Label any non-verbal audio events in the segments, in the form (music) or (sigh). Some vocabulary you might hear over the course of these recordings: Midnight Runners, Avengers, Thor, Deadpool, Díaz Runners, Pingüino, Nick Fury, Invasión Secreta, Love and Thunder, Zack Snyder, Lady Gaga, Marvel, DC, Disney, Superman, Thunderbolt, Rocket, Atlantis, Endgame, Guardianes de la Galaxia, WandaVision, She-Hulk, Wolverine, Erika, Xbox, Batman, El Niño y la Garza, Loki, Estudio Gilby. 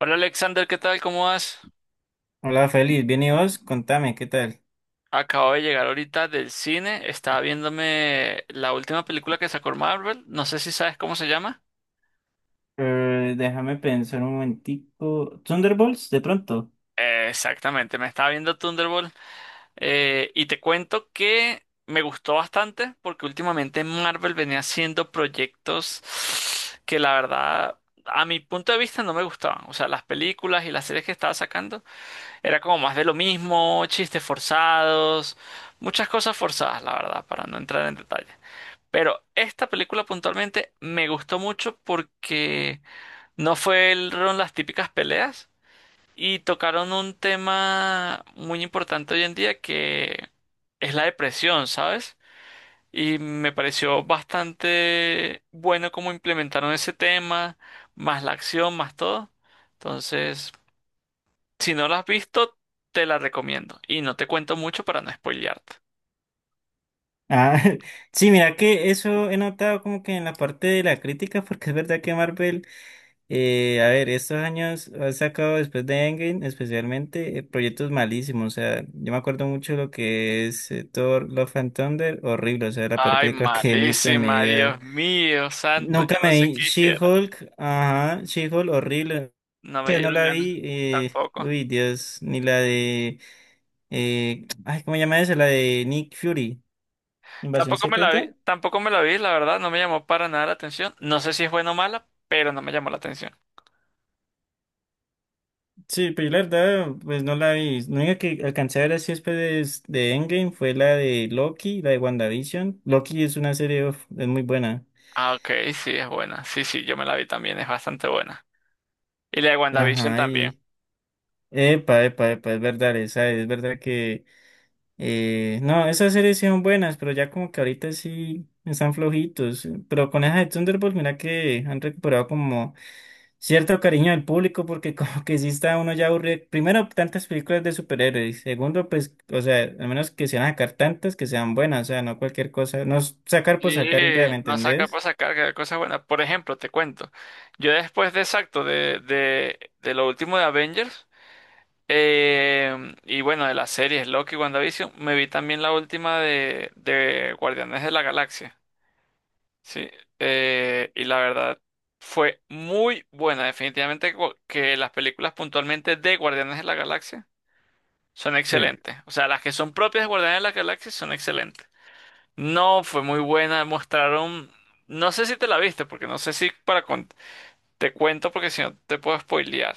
Hola Alexander, ¿qué tal? ¿Cómo vas? Hola, feliz. ¿Bien y vos? Contame, ¿qué tal? Acabo de llegar ahorita del cine, estaba viéndome la última película que sacó Marvel, no sé si sabes cómo se llama. Déjame pensar un momentico. ¿Thunderbolts, de pronto? Exactamente, me estaba viendo Thunderbolt, y te cuento que me gustó bastante porque últimamente Marvel venía haciendo proyectos que la verdad, a mi punto de vista no me gustaban. O sea, las películas y las series que estaba sacando era como más de lo mismo, chistes forzados, muchas cosas forzadas, la verdad, para no entrar en detalle. Pero esta película puntualmente me gustó mucho porque no fueron las típicas peleas y tocaron un tema muy importante hoy en día que es la depresión, ¿sabes? Y me pareció bastante bueno cómo implementaron ese tema, más la acción, más todo. Entonces, si no la has visto, te la recomiendo. Y no te cuento mucho para no spoilearte. Ah, (laughs) sí, mira que eso he notado como que en la parte de la crítica, porque es verdad que Marvel, a ver, estos años ha sacado después de Endgame, especialmente, proyectos malísimos. O sea, yo me acuerdo mucho lo que es Thor, Love and Thunder, horrible. O sea, la peor Ay, película (laughs) que he visto en mi malísima, vida. Dios mío, santo, yo Nunca no me sé vi qué hiciera. She-Hulk, ajá, She-Hulk, horrible. No me Que no dieron la ganas. vi, Tampoco. uy, Dios, ni la de, ay, ¿cómo se llama esa? La de Nick Fury, Invasión Tampoco me la vi, Secreta. tampoco me la vi, la verdad, no me llamó para nada la atención. No sé si es buena o mala, pero no me llamó la atención. Sí, pero yo la verdad, pues no la vi. Lo único que alcancé a ver así después de Endgame fue la de Loki, la de WandaVision. Loki es una serie, uf, es muy buena. Ah, ok, sí, es buena. Sí, sí, yo me la vi también, es bastante buena. Y la de WandaVision Ajá, también. y, epa, epa, epa, es verdad, esa es verdad que. No, esas series sí son buenas, pero ya como que ahorita sí están flojitos. Pero con esa de Thunderbolt, mira que han recuperado como cierto cariño del público, porque (laughs) como que sí está uno ya aburrido. Primero, tantas películas de superhéroes. Segundo, pues, o sea, al menos que se van a sacar tantas que sean buenas, o sea, no cualquier cosa. No s- Sacar por Y sacar y ya, ¿me no sacar para entendés? sacar, que hay cosas buenas. Por ejemplo, te cuento. Yo después de exacto, de lo último de Avengers, y bueno, de las series Loki y WandaVision, me vi también la última de Guardianes de la Galaxia. Sí, y la verdad fue muy buena. Definitivamente que las películas puntualmente de Guardianes de la Galaxia son Sí. excelentes. O sea, las que son propias de Guardianes de la Galaxia son excelentes. No, fue muy buena. Mostraron, no sé si te la viste, porque no sé si te cuento, porque si no te puedo spoilear.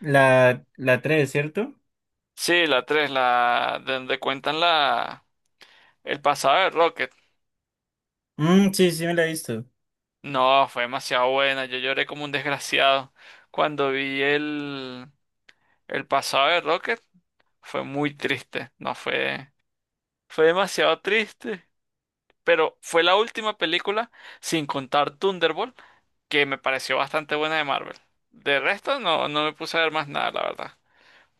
¿La, la tres, cierto? Sí, la 3, la donde cuentan la el pasado de Rocket. Mm, sí, sí me la he visto. No, fue demasiado buena. Yo lloré como un desgraciado cuando vi el pasado de Rocket. Fue muy triste, no fue, fue demasiado triste, pero fue la última película, sin contar Thunderbolt, que me pareció bastante buena de Marvel. De resto, no, no me puse a ver más nada, la verdad.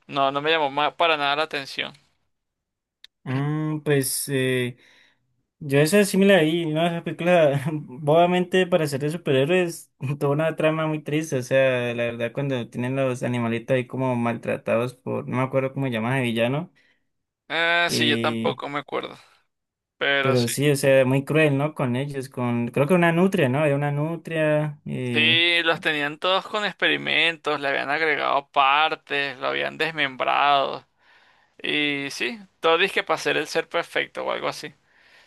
No, no me llamó para nada la atención. Mm, pues, yo esa es similar ahí, ¿no? Esa película, (laughs) obviamente para ser de superhéroes, (laughs) toda una trama muy triste, o sea, la verdad cuando tienen los animalitos ahí como maltratados por, no me acuerdo cómo llaman de villano, Sí, yo eh, tampoco me acuerdo, pero sí. pero sí, o sea, muy cruel, ¿no? Con ellos, con, creo que una nutria, ¿no? Era una nutria, Sí, los tenían todos con experimentos, le habían agregado partes, lo habían desmembrado. Y sí, todo disque para ser el ser perfecto o algo así,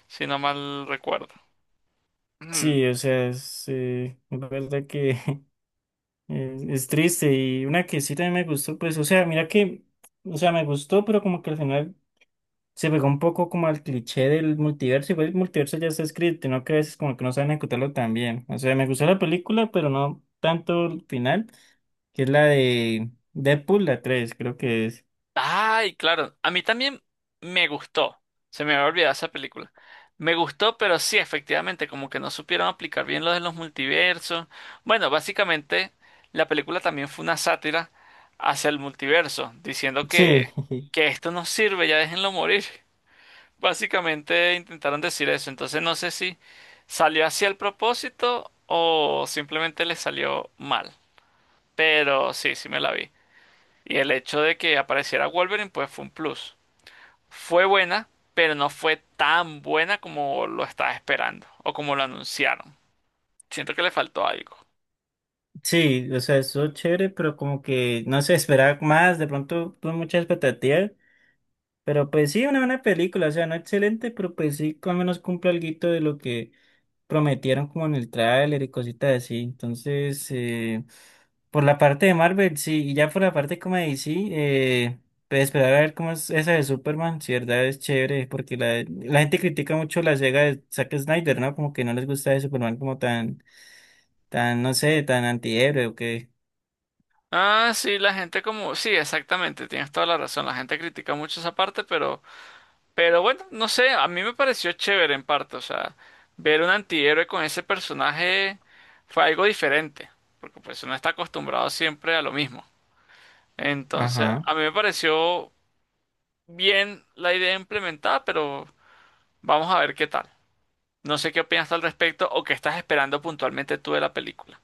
si no mal recuerdo. Mm. sí, o sea, es, la verdad que (laughs) es triste y una que sí también me gustó, pues, o sea, mira que, o sea, me gustó, pero como que al final... Se pegó un poco como al cliché del multiverso, igual el multiverso ya está escrito, ¿no? Que a veces como que no saben ejecutarlo tan bien. O sea, me gustó la película, pero no tanto el final, que es la de Deadpool, la 3 creo que es. Ay, claro. A mí también me gustó. Se me había olvidado esa película. Me gustó, pero sí, efectivamente, como que no supieron aplicar bien lo de los multiversos. Bueno, básicamente, la película también fue una sátira hacia el multiverso, diciendo Sí, (laughs) que esto no sirve, ya déjenlo morir. (laughs) Básicamente intentaron decir eso. Entonces no sé si salió hacia el propósito o simplemente le salió mal. Pero sí, sí me la vi. Y el hecho de que apareciera Wolverine, pues fue un plus. Fue buena, pero no fue tan buena como lo estaba esperando o como lo anunciaron. Siento que le faltó algo. sí, o sea, estuvo chévere, pero como que no se esperaba más, de pronto tuve muchas expectativas, pero pues sí, una buena película, o sea, no excelente, pero pues sí, al menos cumple algo de lo que prometieron como en el tráiler y cositas así. Entonces, por la parte de Marvel, sí, y ya por la parte como de DC, pues esperar a ver cómo es esa de Superman, si de verdad es chévere, porque la gente critica mucho la saga de Zack Snyder, ¿no? Como que no les gusta de Superman como tan, tan, no sé, tan antihéroe o qué. Ah, sí, la gente como... Sí, exactamente, tienes toda la razón. La gente critica mucho esa parte, pero... Pero bueno, no sé, a mí me pareció chévere en parte. O sea, ver un antihéroe con ese personaje fue algo diferente, porque pues uno está acostumbrado siempre a lo mismo. Entonces, Ajá. a mí me pareció bien la idea implementada, pero vamos a ver qué tal. No sé qué opinas tú al respecto o qué estás esperando puntualmente tú de la película.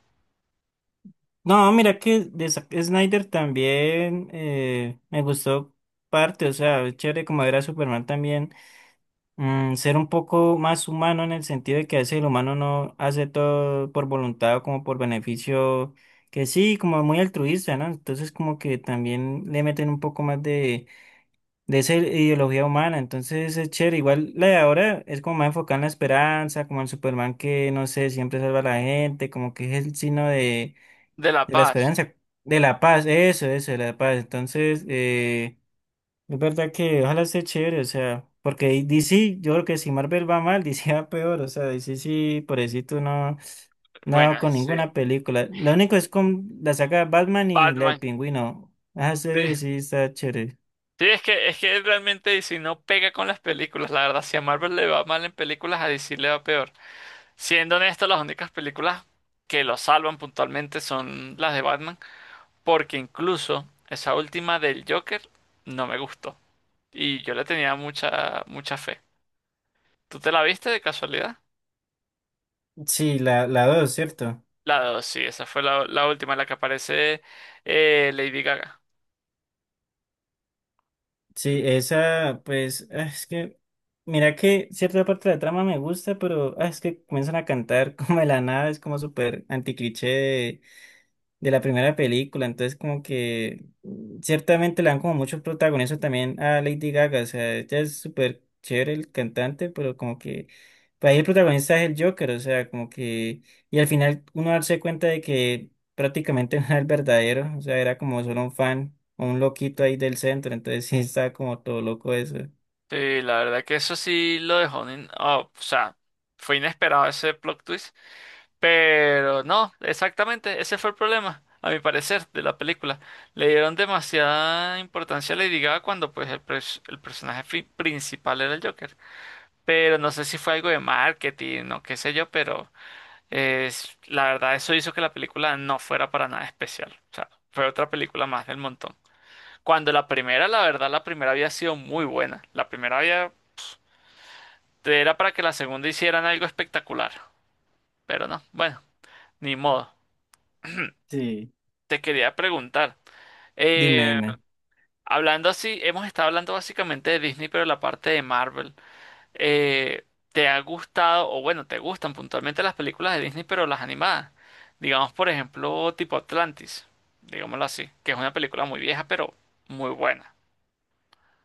No, mira que de Zack Snyder también me gustó parte, o sea, es chévere como ver a Superman también ser un poco más humano en el sentido de que a veces el humano no hace todo por voluntad o como por beneficio, que sí, como muy altruista, ¿no? Entonces como que también le meten un poco más de esa ideología humana, entonces es chévere, igual la de ahora es como más enfocada en la esperanza, como el Superman que, no sé, siempre salva a la gente, como que es el signo De La de la Paz. esperanza, de la paz, eso, de la paz, entonces... Es verdad que ojalá esté chévere, o sea, porque DC, yo creo que si Marvel va mal, (laughs) DC va peor, o sea, DC sí, pobrecito, no, Bueno, no con sí. ninguna película. Lo único es con la saga de Batman y la del Batman. Pingüino. Ah, Sí. sí, sí, está chévere. Sí, es que realmente DC no pega con las películas. La verdad, si a Marvel le va mal en películas, a DC le va peor. Siendo honesto, las únicas películas que lo salvan puntualmente son las de Batman. Porque incluso esa última del Joker no me gustó. Y yo le tenía mucha, mucha fe. ¿Tú te la viste de casualidad? Sí, la dos, ¿cierto? La dos, sí, esa fue la última en la que aparece Lady Gaga. Sí, esa, pues, ah, es que, mira que cierta parte de la trama me gusta, pero ah, es que comienzan a cantar (laughs) como de la nada, es como súper anticliché de la primera película, entonces como que ciertamente le dan como mucho protagonismo también a Lady Gaga, o sea, ella es súper chévere el cantante, pero como que para ahí el protagonista es el Joker, o sea, como que y al final uno darse cuenta de que prácticamente (laughs) no era el verdadero, o sea, era como solo un fan, o un loquito ahí del centro, entonces sí está como todo loco eso. Sí, la verdad que eso sí lo dejó. Oh, o sea, fue inesperado ese plot twist. Pero no, exactamente, ese fue el problema, a mi parecer, de la película. Le dieron demasiada importancia a Lady Gaga cuando pues el personaje principal era el Joker. Pero no sé si fue algo de marketing o qué sé yo, pero es, la verdad eso hizo que la película no fuera para nada especial. O sea, fue otra película más del montón. Cuando la primera, la verdad, la primera había sido muy buena. La primera había... Era para que la segunda hicieran algo espectacular. Pero no, bueno, ni modo. Sí. Te quería preguntar. Dime, eh, dime. Hablando así, hemos estado hablando básicamente de Disney, pero la parte de Marvel. eh, ¿Te ha gustado, o bueno, te gustan puntualmente las películas de Disney, pero las animadas? Digamos, por ejemplo, tipo Atlantis, digámoslo así, que es una película muy vieja, pero muy buena.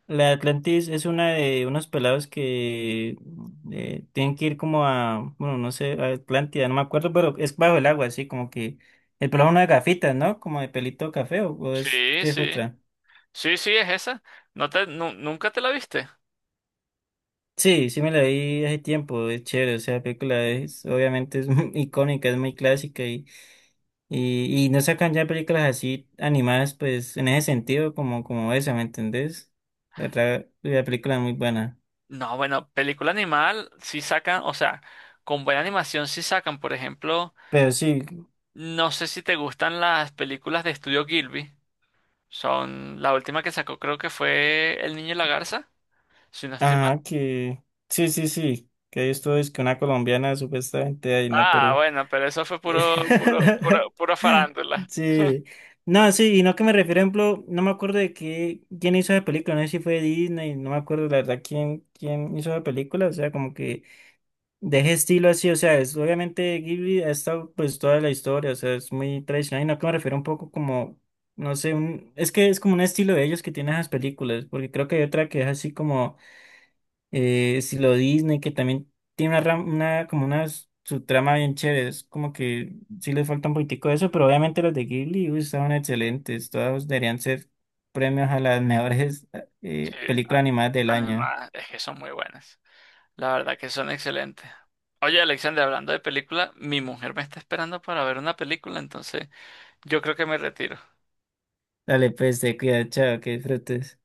La de Atlantis es una de unos pelados que tienen que ir como a, bueno, no sé, a Atlántida, no me acuerdo, pero es bajo el agua, así como que el pelado es uno de gafitas, ¿no? Como de pelito café o es Sí, que es sí. otra. Sí, sí, es esa. ¿ Nunca te la viste? Sí, sí me la vi hace tiempo, es chévere, o sea, la película es, obviamente es (laughs) muy icónica, es muy clásica y no sacan ya películas así animadas, pues en ese sentido, como, como esa, ¿me entendés? La, la película es muy buena. No, bueno, película animal sí sacan, o sea, con buena animación sí sacan, por ejemplo, Pero sí, no sé si te gustan las películas de Estudio Gilby, son la última que sacó creo que fue El Niño y la Garza, si no estoy mal. ajá, que sí, sí, sí, que esto es que una colombiana supuestamente ahí, ¿no? Ah, Pero... bueno, pero eso fue puro, puro, puro, (laughs) puro farándula. Sí, no, sí, y no que me refiero, ejemplo, no me acuerdo de qué, quién hizo la película, no sé si fue Disney, no me acuerdo la verdad quién, quién hizo la película, o sea, como que de ese estilo así, o sea, es, obviamente Ghibli ha estado pues toda la historia, o sea, es muy tradicional, y no que me refiero un poco como, no sé, un, es que es como un estilo de ellos que tienen esas películas, porque creo que hay otra que es así como si lo Disney, que también tiene una, una como una subtrama bien chévere, es como que sí le falta un poquitico de eso, pero obviamente los de Ghibli uy, estaban excelentes, todos deberían ser premios a las mejores Sí, películas animadas del año. animadas, es que son muy buenas, la verdad que son excelentes. Oye, Alexander, hablando de película, mi mujer me está esperando para ver una película, entonces yo creo que me retiro. Dale, pues, te cuida, chao, que disfrutes.